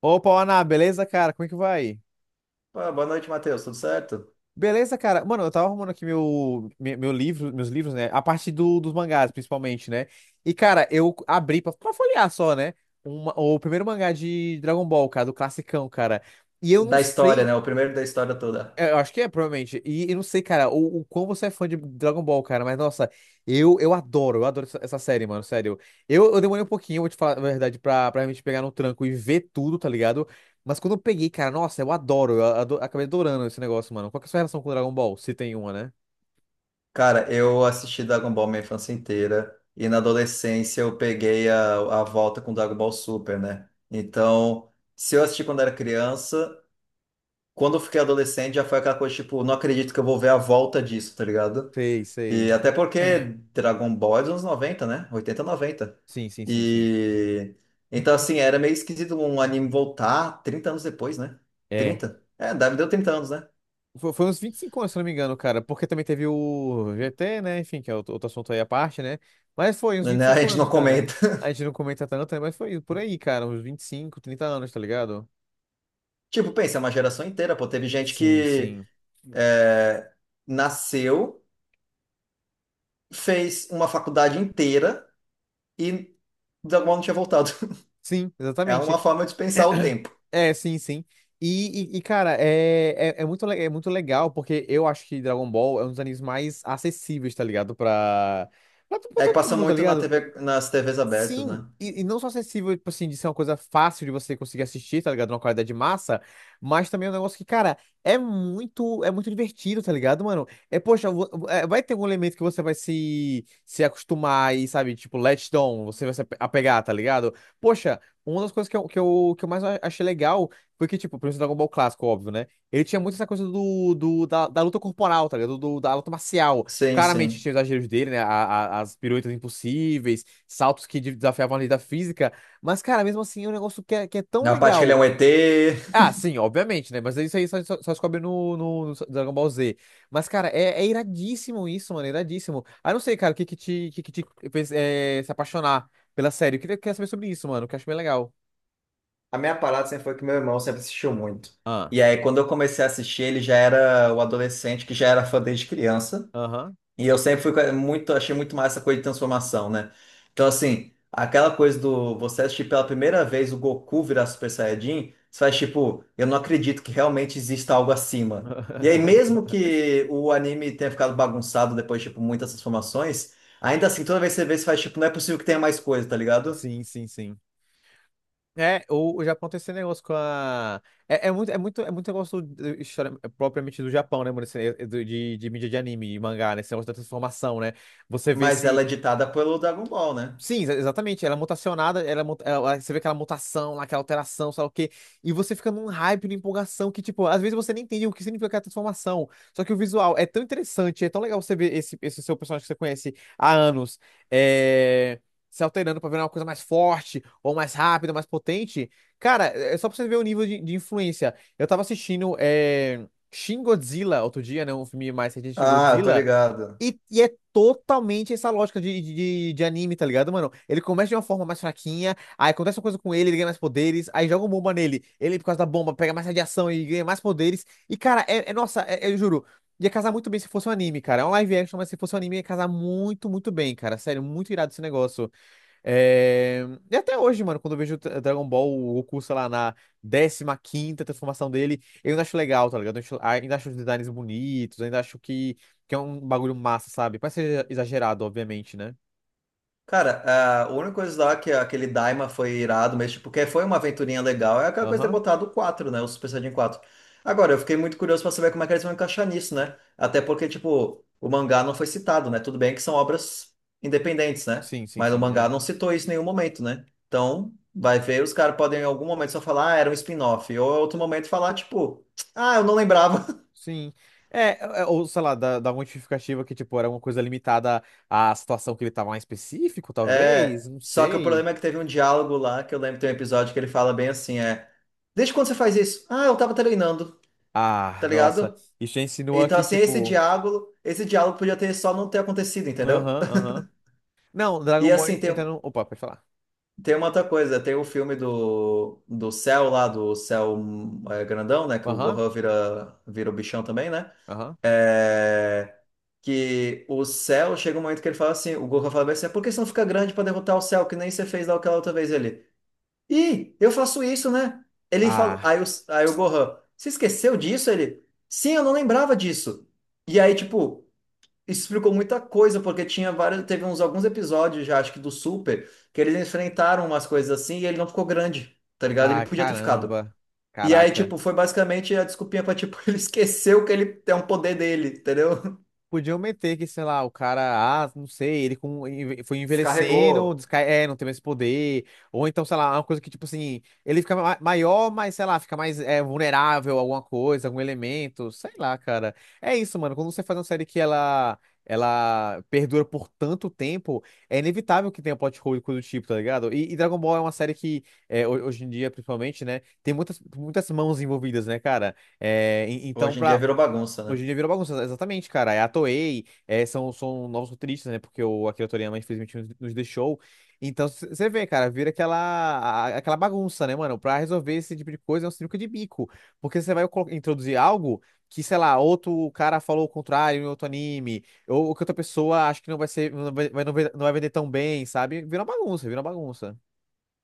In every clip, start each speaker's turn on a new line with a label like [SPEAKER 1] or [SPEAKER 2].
[SPEAKER 1] Opa, Ana, beleza, cara? Como é que vai?
[SPEAKER 2] Ah, boa noite, Matheus. Tudo certo?
[SPEAKER 1] Beleza, cara? Mano, eu tava arrumando aqui meu meus livros, né? A parte dos mangás, principalmente, né? E, cara, eu abri pra folhear só, né? O primeiro mangá de Dragon Ball, cara, do classicão, cara. E eu não
[SPEAKER 2] Da história,
[SPEAKER 1] sei.
[SPEAKER 2] né? O primeiro da história toda.
[SPEAKER 1] É, eu acho que é, provavelmente. E não sei, cara, o quão você é fã de Dragon Ball, cara, mas nossa, eu adoro, eu adoro essa série, mano, sério. Eu demorei um pouquinho, vou te falar a verdade, pra realmente pegar no tranco e ver tudo, tá ligado? Mas quando eu peguei, cara, nossa, eu adoro, eu ado- acabei adorando esse negócio, mano. Qual que é a sua relação com Dragon Ball? Se tem uma, né?
[SPEAKER 2] Cara, eu assisti Dragon Ball minha infância inteira e na adolescência eu peguei a volta com Dragon Ball Super, né? Então, se eu assisti quando era criança, quando eu fiquei adolescente já foi aquela coisa tipo, não acredito que eu vou ver a volta disso, tá ligado?
[SPEAKER 1] Sei,
[SPEAKER 2] E
[SPEAKER 1] sei.
[SPEAKER 2] até porque Dragon Ball é dos anos 90, né? 80, 90.
[SPEAKER 1] Sim, sim, sim, sim.
[SPEAKER 2] E então assim, era meio esquisito um anime voltar 30 anos depois, né?
[SPEAKER 1] É.
[SPEAKER 2] 30. É, deve deu 30 anos, né?
[SPEAKER 1] Foi uns 25 anos, se não me engano, cara. Porque também teve o GT, né? Enfim, que é outro, assunto aí à parte, né? Mas foi uns vinte e
[SPEAKER 2] Né? A
[SPEAKER 1] cinco
[SPEAKER 2] gente
[SPEAKER 1] anos,
[SPEAKER 2] não
[SPEAKER 1] cara.
[SPEAKER 2] comenta.
[SPEAKER 1] A gente não comenta tanto, né? Mas foi por aí, cara. Uns 25, 30 anos, tá ligado?
[SPEAKER 2] Tipo, pensa, é uma geração inteira, pô. Teve gente
[SPEAKER 1] Sim,
[SPEAKER 2] que
[SPEAKER 1] sim.
[SPEAKER 2] é, nasceu, fez uma faculdade inteira e de alguma não tinha voltado.
[SPEAKER 1] Sim,
[SPEAKER 2] É
[SPEAKER 1] exatamente.
[SPEAKER 2] uma forma de pensar o tempo.
[SPEAKER 1] É, sim, sim. E, cara, é muito legal, porque eu acho que Dragon Ball é um dos animes mais acessíveis, tá ligado? Pra
[SPEAKER 2] É que
[SPEAKER 1] todo
[SPEAKER 2] passa
[SPEAKER 1] mundo, tá
[SPEAKER 2] muito na
[SPEAKER 1] ligado?
[SPEAKER 2] TV, nas TVs abertas,
[SPEAKER 1] Sim,
[SPEAKER 2] né?
[SPEAKER 1] e não só acessível, tipo assim, de ser uma coisa fácil de você conseguir assistir, tá ligado? Uma qualidade massa, mas também é um negócio que, cara, é muito divertido, tá ligado, mano? É, poxa, vai ter algum elemento que você vai se acostumar e, sabe, tipo, latch on, você vai se apegar, tá ligado? Poxa, uma das coisas que eu mais achei legal foi que, tipo, por exemplo, Dragon Ball Clássico, óbvio, né? Ele tinha muito essa coisa da luta corporal, tá ligado? Da luta marcial.
[SPEAKER 2] Sim,
[SPEAKER 1] Claramente
[SPEAKER 2] sim.
[SPEAKER 1] tinha os exageros dele, né? As piruetas impossíveis, saltos que desafiavam a lei da física. Mas, cara, mesmo assim, é um negócio que é tão
[SPEAKER 2] Na parte que ele é
[SPEAKER 1] legal.
[SPEAKER 2] um ET.
[SPEAKER 1] Ah, sim, obviamente, né? Mas isso aí só descobre no Dragon Ball Z. Mas, cara, é iradíssimo isso, mano. É iradíssimo. Ah, não sei, cara, o que que te fez se apaixonar pela série? Eu queria saber sobre isso, mano, que eu acho bem legal.
[SPEAKER 2] A minha parada sempre foi que meu irmão sempre assistiu muito.
[SPEAKER 1] Ah,
[SPEAKER 2] E aí, quando eu comecei a assistir, ele já era o adolescente que já era fã desde criança.
[SPEAKER 1] aham.
[SPEAKER 2] E eu sempre muito, achei muito mais essa coisa de transformação, né? Então, assim, aquela coisa do você assistir pela primeira vez o Goku virar Super Saiyajin, você faz tipo, eu não acredito que realmente exista algo acima. E aí, mesmo que o anime tenha ficado bagunçado depois, tipo, muitas transformações, ainda assim, toda vez que você vê, você faz tipo, não é possível que tenha mais coisa, tá ligado?
[SPEAKER 1] Sim, sim, sim. É, o Japão tem esse negócio com a. É muito negócio história, é, propriamente do Japão, né, mano? De mídia de anime, de mangá, né? Esse negócio da transformação, né? Você vê
[SPEAKER 2] Mas
[SPEAKER 1] se.
[SPEAKER 2] ela é ditada pelo Dragon Ball, né?
[SPEAKER 1] Sim, exatamente. Ela é mutacionada, ela, é mu- ela- você vê aquela mutação, lá, aquela alteração, sei lá o quê. E você fica num hype, numa empolgação que, tipo, às vezes você nem entende o que significa aquela transformação. Só que o visual é tão interessante, é tão legal você ver esse seu personagem que você conhece há anos, é, se alterando pra virar uma coisa mais forte, ou mais rápida, mais potente. Cara, é só pra você ver o nível de influência. Eu tava assistindo Shin Godzilla outro dia, né? Um filme mais recente de
[SPEAKER 2] Ah, eu tô
[SPEAKER 1] Godzilla.
[SPEAKER 2] ligado.
[SPEAKER 1] E é totalmente essa lógica de anime, tá ligado, mano? Ele começa de uma forma mais fraquinha, aí acontece uma coisa com ele, ele ganha mais poderes, aí joga uma bomba nele, ele, por causa da bomba, pega mais radiação e ganha mais poderes. E, cara, nossa, eu juro, ia casar muito bem se fosse um anime, cara. É um live action, mas se fosse um anime, ia casar muito, muito bem, cara. Sério, muito irado esse negócio. É. E até hoje, mano, quando eu vejo o Dragon Ball, o Goku, sei lá, na 15ª transformação dele, eu ainda acho legal, tá ligado? Ainda acho os designs bonitos, ainda acho que é um bagulho massa, sabe? Parece ser exagerado, obviamente, né?
[SPEAKER 2] Cara, ah, a única coisa lá que aquele Daima foi irado, mas tipo, que foi uma aventurinha legal, é aquela coisa de ter
[SPEAKER 1] Aham.
[SPEAKER 2] botado o 4, né? O Super Saiyajin quatro. Agora, eu fiquei muito curioso pra saber como é que eles vão encaixar nisso, né? Até porque, tipo, o mangá não foi citado, né? Tudo bem que são obras independentes, né?
[SPEAKER 1] Sim, sim,
[SPEAKER 2] Mas o
[SPEAKER 1] sim. É.
[SPEAKER 2] mangá não citou isso em nenhum momento, né? Então, vai ver, os caras podem em algum momento só falar, ah, era um spin-off. Ou em outro momento falar, tipo, ah, eu não lembrava.
[SPEAKER 1] Sim. É, é, ou sei lá, dá uma justificativa que, tipo, era uma coisa limitada à situação que ele tava lá em específico, talvez,
[SPEAKER 2] É,
[SPEAKER 1] não
[SPEAKER 2] só que o
[SPEAKER 1] sei.
[SPEAKER 2] problema é que teve um diálogo lá, que eu lembro que tem um episódio que ele fala bem assim, desde quando você faz isso? Ah, eu tava treinando,
[SPEAKER 1] Ah,
[SPEAKER 2] tá
[SPEAKER 1] nossa.
[SPEAKER 2] ligado?
[SPEAKER 1] Isso já insinua
[SPEAKER 2] Então,
[SPEAKER 1] que,
[SPEAKER 2] assim,
[SPEAKER 1] tipo.
[SPEAKER 2] esse diálogo podia ter só não ter acontecido, entendeu?
[SPEAKER 1] Aham, aham. Não,
[SPEAKER 2] E
[SPEAKER 1] Dragon Ball
[SPEAKER 2] assim, tem,
[SPEAKER 1] entra no. Opa, pode falar.
[SPEAKER 2] tem uma outra coisa, tem o filme do Cell lá, do Cell grandão, né, que o
[SPEAKER 1] Aham.
[SPEAKER 2] Gohan vira o bichão também, né?
[SPEAKER 1] Aham.
[SPEAKER 2] É, que o céu chega um momento que ele fala assim, o Goku fala bem assim, por que você não fica grande pra derrotar o céu, que nem você fez lá aquela outra vez ele? Ih, eu faço isso, né? Ele falou.
[SPEAKER 1] Ah,
[SPEAKER 2] Aí o Gohan, você esqueceu disso? Ele, sim, eu não lembrava disso. E aí, tipo, isso explicou muita coisa, porque tinha vários. Teve uns alguns episódios já, acho que do Super, que eles enfrentaram umas coisas assim e ele não ficou grande, tá ligado? Ele
[SPEAKER 1] ah,
[SPEAKER 2] podia ter ficado.
[SPEAKER 1] caramba.
[SPEAKER 2] E aí,
[SPEAKER 1] Caraca.
[SPEAKER 2] tipo, foi basicamente a desculpinha pra, tipo, ele esqueceu que ele tem um poder dele, entendeu?
[SPEAKER 1] Podiam meter que, sei lá, o cara, ah, não sei, ele foi envelhecendo,
[SPEAKER 2] Descarregou.
[SPEAKER 1] descai, não tem mais poder. Ou então, sei lá, uma coisa que, tipo assim, ele fica maior, mas, sei lá, fica mais vulnerável a alguma coisa, algum elemento, sei lá, cara. É isso, mano. Quando você faz uma série que ela perdura por tanto tempo, é inevitável que tenha plot hole e coisa do tipo, tá ligado? E Dragon Ball é uma série que, hoje em dia, principalmente, né, tem muitas, muitas mãos envolvidas, né, cara? É, então,
[SPEAKER 2] Hoje em dia
[SPEAKER 1] pra.
[SPEAKER 2] virou bagunça,
[SPEAKER 1] Hoje
[SPEAKER 2] né?
[SPEAKER 1] em dia virou bagunça, exatamente, cara. É a Toei, são novos roteiristas, né? Porque o Akira Toriyama, infelizmente, nos deixou. Então, você vê, cara, vira aquela, aquela bagunça, né, mano? Pra resolver esse tipo de coisa é um sinuca de bico. Porque você vai introduzir algo que, sei lá, outro cara falou o contrário em outro anime, ou, que outra pessoa acha que não vai ser, não vai, vai- não vai, não vai vender tão bem, sabe? Vira uma bagunça, vira uma bagunça.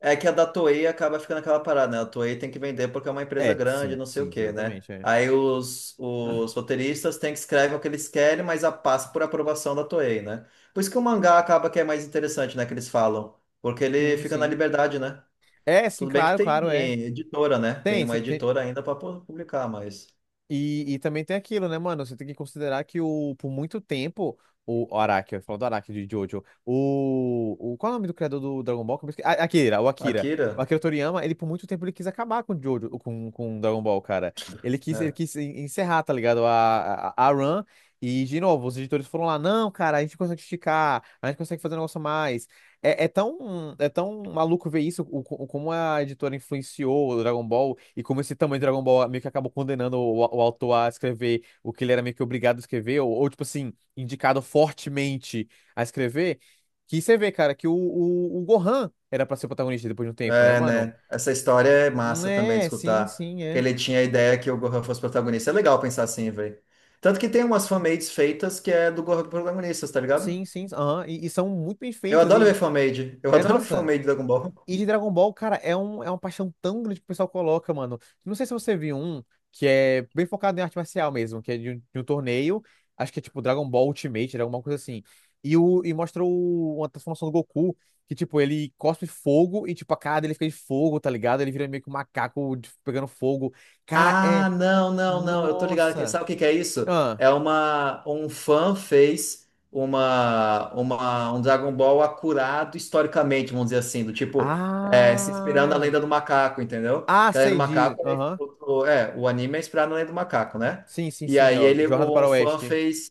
[SPEAKER 2] É que a da Toei acaba ficando aquela parada, né? A Toei tem que vender porque é uma empresa
[SPEAKER 1] É,
[SPEAKER 2] grande,
[SPEAKER 1] sim,
[SPEAKER 2] não sei
[SPEAKER 1] sim,
[SPEAKER 2] o quê, né?
[SPEAKER 1] exatamente, é.
[SPEAKER 2] Aí os roteiristas têm que escrever o que eles querem, mas a passa por aprovação da Toei, né? Por isso que o mangá acaba que é mais interessante, né? Que eles falam. Porque ele
[SPEAKER 1] Sim,
[SPEAKER 2] fica na
[SPEAKER 1] sim.
[SPEAKER 2] liberdade, né?
[SPEAKER 1] É, sim,
[SPEAKER 2] Tudo bem que
[SPEAKER 1] claro,
[SPEAKER 2] tem
[SPEAKER 1] claro, é.
[SPEAKER 2] editora, né? Tem
[SPEAKER 1] Tem,
[SPEAKER 2] uma
[SPEAKER 1] tem.
[SPEAKER 2] editora ainda para publicar, mas
[SPEAKER 1] E também tem aquilo, né, mano? Você tem que considerar que o, por muito tempo, o Araki, eu ia falar do Araki de Jojo, o. Qual é o nome do criador do Dragon Ball? Que eu Akira, o Akira. O
[SPEAKER 2] Akira,
[SPEAKER 1] Akira Toriyama, ele por muito tempo ele quis acabar com Jojo, com Dragon Ball, cara. Ele quis, ele
[SPEAKER 2] né?
[SPEAKER 1] quis encerrar, tá ligado? A run. E, de novo, os editores foram lá, não, cara, a gente consegue esticar, a gente consegue fazer um negócio a mais. É tão maluco ver isso, como a editora influenciou o Dragon Ball e como esse tamanho de Dragon Ball meio que acabou condenando o autor a escrever o que ele era meio que obrigado a escrever, ou, tipo assim, indicado fortemente a escrever. Que você vê, cara, que o Gohan era pra ser o protagonista depois de um tempo, né,
[SPEAKER 2] É,
[SPEAKER 1] mano?
[SPEAKER 2] né? Essa história é massa também de
[SPEAKER 1] É, sim,
[SPEAKER 2] escutar.
[SPEAKER 1] sim,
[SPEAKER 2] Que
[SPEAKER 1] é.
[SPEAKER 2] ele tinha a ideia que o Gohan fosse protagonista. É legal pensar assim, velho. Tanto que tem umas fanmades feitas que é do Gohan protagonista, tá ligado?
[SPEAKER 1] Sim, sim. Aham, e são muito bem
[SPEAKER 2] Eu
[SPEAKER 1] feitas
[SPEAKER 2] adoro ver
[SPEAKER 1] e.
[SPEAKER 2] fanmade. Eu
[SPEAKER 1] É,
[SPEAKER 2] adoro ver
[SPEAKER 1] nossa.
[SPEAKER 2] fanmade de Dragon Ball.
[SPEAKER 1] E de Dragon Ball, cara, é uma paixão tão grande que o pessoal coloca, mano. Não sei se você viu um que é bem focado em arte marcial mesmo, que é de um torneio. Acho que é tipo Dragon Ball Ultimate, alguma coisa assim. E mostra uma transformação do Goku, que tipo, ele cospe fogo e tipo, a cara dele fica de fogo, tá ligado? Ele vira meio que um macaco pegando fogo. Cara, é.
[SPEAKER 2] Ah, não, não, não. Eu tô ligado.
[SPEAKER 1] Nossa!
[SPEAKER 2] Sabe o que que é isso?
[SPEAKER 1] Ah!
[SPEAKER 2] É uma Um fã fez uma um Dragon Ball acurado historicamente, vamos dizer assim, do tipo é, se inspirando na
[SPEAKER 1] Ah!
[SPEAKER 2] Lenda do Macaco, entendeu?
[SPEAKER 1] Ah,
[SPEAKER 2] Que a Lenda
[SPEAKER 1] sei
[SPEAKER 2] do
[SPEAKER 1] de.
[SPEAKER 2] Macaco
[SPEAKER 1] Aham.
[SPEAKER 2] o anime é inspirado na Lenda do Macaco, né?
[SPEAKER 1] Sim, sim,
[SPEAKER 2] E
[SPEAKER 1] sim.
[SPEAKER 2] aí
[SPEAKER 1] Ó,
[SPEAKER 2] ele
[SPEAKER 1] Jornada
[SPEAKER 2] um
[SPEAKER 1] para o
[SPEAKER 2] fã
[SPEAKER 1] Oeste.
[SPEAKER 2] fez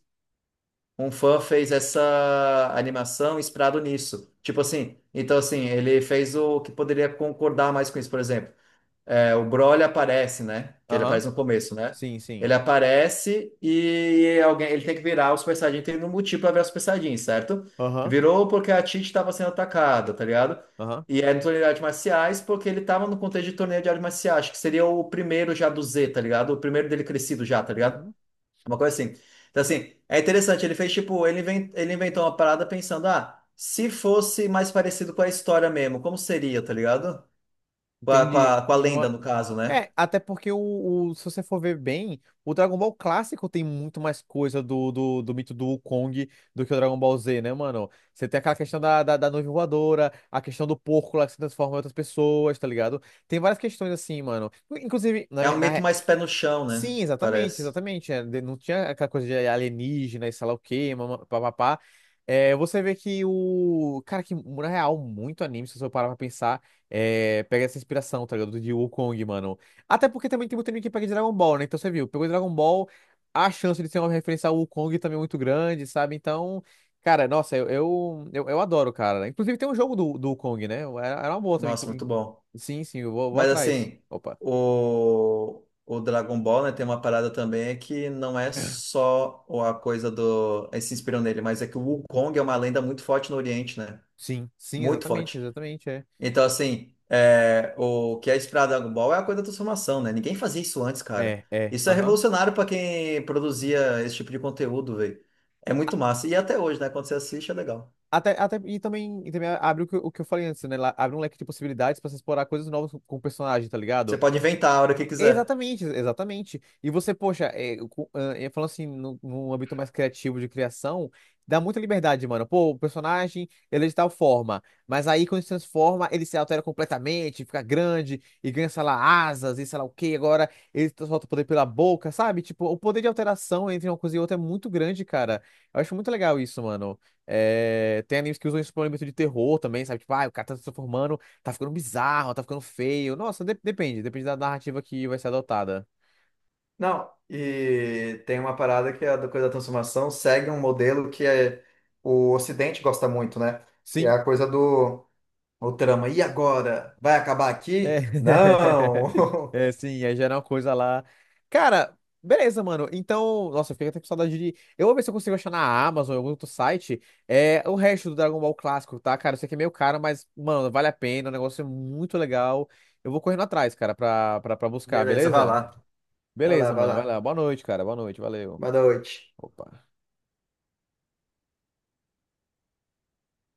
[SPEAKER 2] um fã fez essa animação inspirado nisso. Tipo assim, então assim, ele fez o que poderia concordar mais com isso, por exemplo. É, o Broly aparece, né? Que ele
[SPEAKER 1] Aham.
[SPEAKER 2] aparece no começo, né?
[SPEAKER 1] Sim,
[SPEAKER 2] Ele
[SPEAKER 1] sim.
[SPEAKER 2] aparece e alguém, ele tem que virar o Super Saiyajin, tem um motivo pra virar o Super Saiyajin, certo?
[SPEAKER 1] Aham.
[SPEAKER 2] Virou porque a Tite estava sendo atacada, tá ligado?
[SPEAKER 1] Aham.
[SPEAKER 2] E é no torneio de artes marciais porque ele tava no contexto de torneio de artes marciais, acho que seria o primeiro já do Z, tá ligado? O primeiro dele crescido já, tá ligado?
[SPEAKER 1] Uhum.
[SPEAKER 2] Uma coisa assim. Então, assim, é interessante, ele fez tipo, ele inventou uma parada pensando, ah, se fosse mais parecido com a história mesmo, como seria, tá ligado? Com a, com
[SPEAKER 1] Entendi.
[SPEAKER 2] a, com a
[SPEAKER 1] E não.
[SPEAKER 2] lenda,
[SPEAKER 1] É,
[SPEAKER 2] no caso, né?
[SPEAKER 1] é, até porque o, se você for ver bem, o Dragon Ball clássico tem muito mais coisa do mito do Wukong do que o Dragon Ball Z, né, mano? Você tem aquela questão da nuvem voadora, a questão do porco lá que se transforma em outras pessoas, tá ligado? Tem várias questões assim, mano. Inclusive, na,
[SPEAKER 2] É um
[SPEAKER 1] ver- na
[SPEAKER 2] mito mais pé no chão, né?
[SPEAKER 1] Sim, exatamente,
[SPEAKER 2] Parece.
[SPEAKER 1] exatamente. É, não tinha aquela coisa de alienígena e sei lá o quê, mama- papapá. É, você vê que o. Cara, que na real, muito anime, se você parar pra pensar, pega essa inspiração, tá ligado? De Wukong, mano. Até porque também tem muito anime que pega de Dragon Ball, né? Então você viu, pegou Dragon Ball, a chance de ser uma referência ao Wukong também é muito grande, sabe? Então, cara, nossa, eu adoro, cara. Inclusive tem um jogo do Wukong, né? Era uma boa também.
[SPEAKER 2] Nossa, muito bom.
[SPEAKER 1] Sim, sim, eu vou
[SPEAKER 2] Mas
[SPEAKER 1] atrás.
[SPEAKER 2] assim,
[SPEAKER 1] Opa.
[SPEAKER 2] o Dragon Ball, né, tem uma parada também é que não é só a coisa do. Eles se inspiram nele, mas é que o Wukong é uma lenda muito forte no Oriente, né?
[SPEAKER 1] Sim, sim,
[SPEAKER 2] Muito
[SPEAKER 1] exatamente,
[SPEAKER 2] forte.
[SPEAKER 1] exatamente, é.
[SPEAKER 2] Então, assim, o que é inspirado no Dragon Ball é a coisa da transformação, né? Ninguém fazia isso antes, cara.
[SPEAKER 1] É,
[SPEAKER 2] Isso é
[SPEAKER 1] aham.
[SPEAKER 2] revolucionário pra quem produzia esse tipo de conteúdo, velho. É muito massa. E até hoje, né? Quando você assiste, é legal.
[SPEAKER 1] Até, e também abre o que, o que eu falei antes, né? Abre um leque de possibilidades pra você explorar coisas novas com o personagem, tá
[SPEAKER 2] Você
[SPEAKER 1] ligado?
[SPEAKER 2] pode inventar a hora que quiser.
[SPEAKER 1] Exatamente, exatamente. E você, poxa, falando assim, num âmbito mais criativo de criação, dá muita liberdade, mano. Pô, o personagem, ele é de tal forma, mas aí quando se transforma, ele se altera completamente, fica grande e ganha, sei lá, asas e sei lá o quê. Agora ele solta o poder pela boca, sabe? Tipo, o poder de alteração entre uma coisa e outra é muito grande, cara. Eu acho muito legal isso, mano. É, tem animes que usam isso pra um elemento de terror também, sabe? Tipo, ah, o cara tá se transformando. Tá ficando bizarro, tá ficando feio. Nossa, depende da narrativa que vai ser adotada.
[SPEAKER 2] Não, e tem uma parada que é a da coisa da transformação segue um modelo que é, o Ocidente gosta muito, né? E é
[SPEAKER 1] Sim,
[SPEAKER 2] a coisa do o trama. E agora? Vai acabar
[SPEAKER 1] é.
[SPEAKER 2] aqui? Não!
[SPEAKER 1] É, sim, aí já era uma coisa lá. Cara, beleza, mano. Então, nossa, eu fiquei até com saudade de. Eu vou ver se eu consigo achar na Amazon, ou em algum outro site, o resto do Dragon Ball clássico, tá? Cara, eu sei que é meio caro, mas, mano, vale a pena, o negócio é muito legal. Eu vou correndo atrás, cara, pra buscar,
[SPEAKER 2] Beleza, vai
[SPEAKER 1] beleza?
[SPEAKER 2] lá. Vai lá,
[SPEAKER 1] Beleza,
[SPEAKER 2] vai
[SPEAKER 1] mano, vai
[SPEAKER 2] lá.
[SPEAKER 1] lá. Boa noite, cara, boa noite, valeu.
[SPEAKER 2] Boa noite.
[SPEAKER 1] Opa.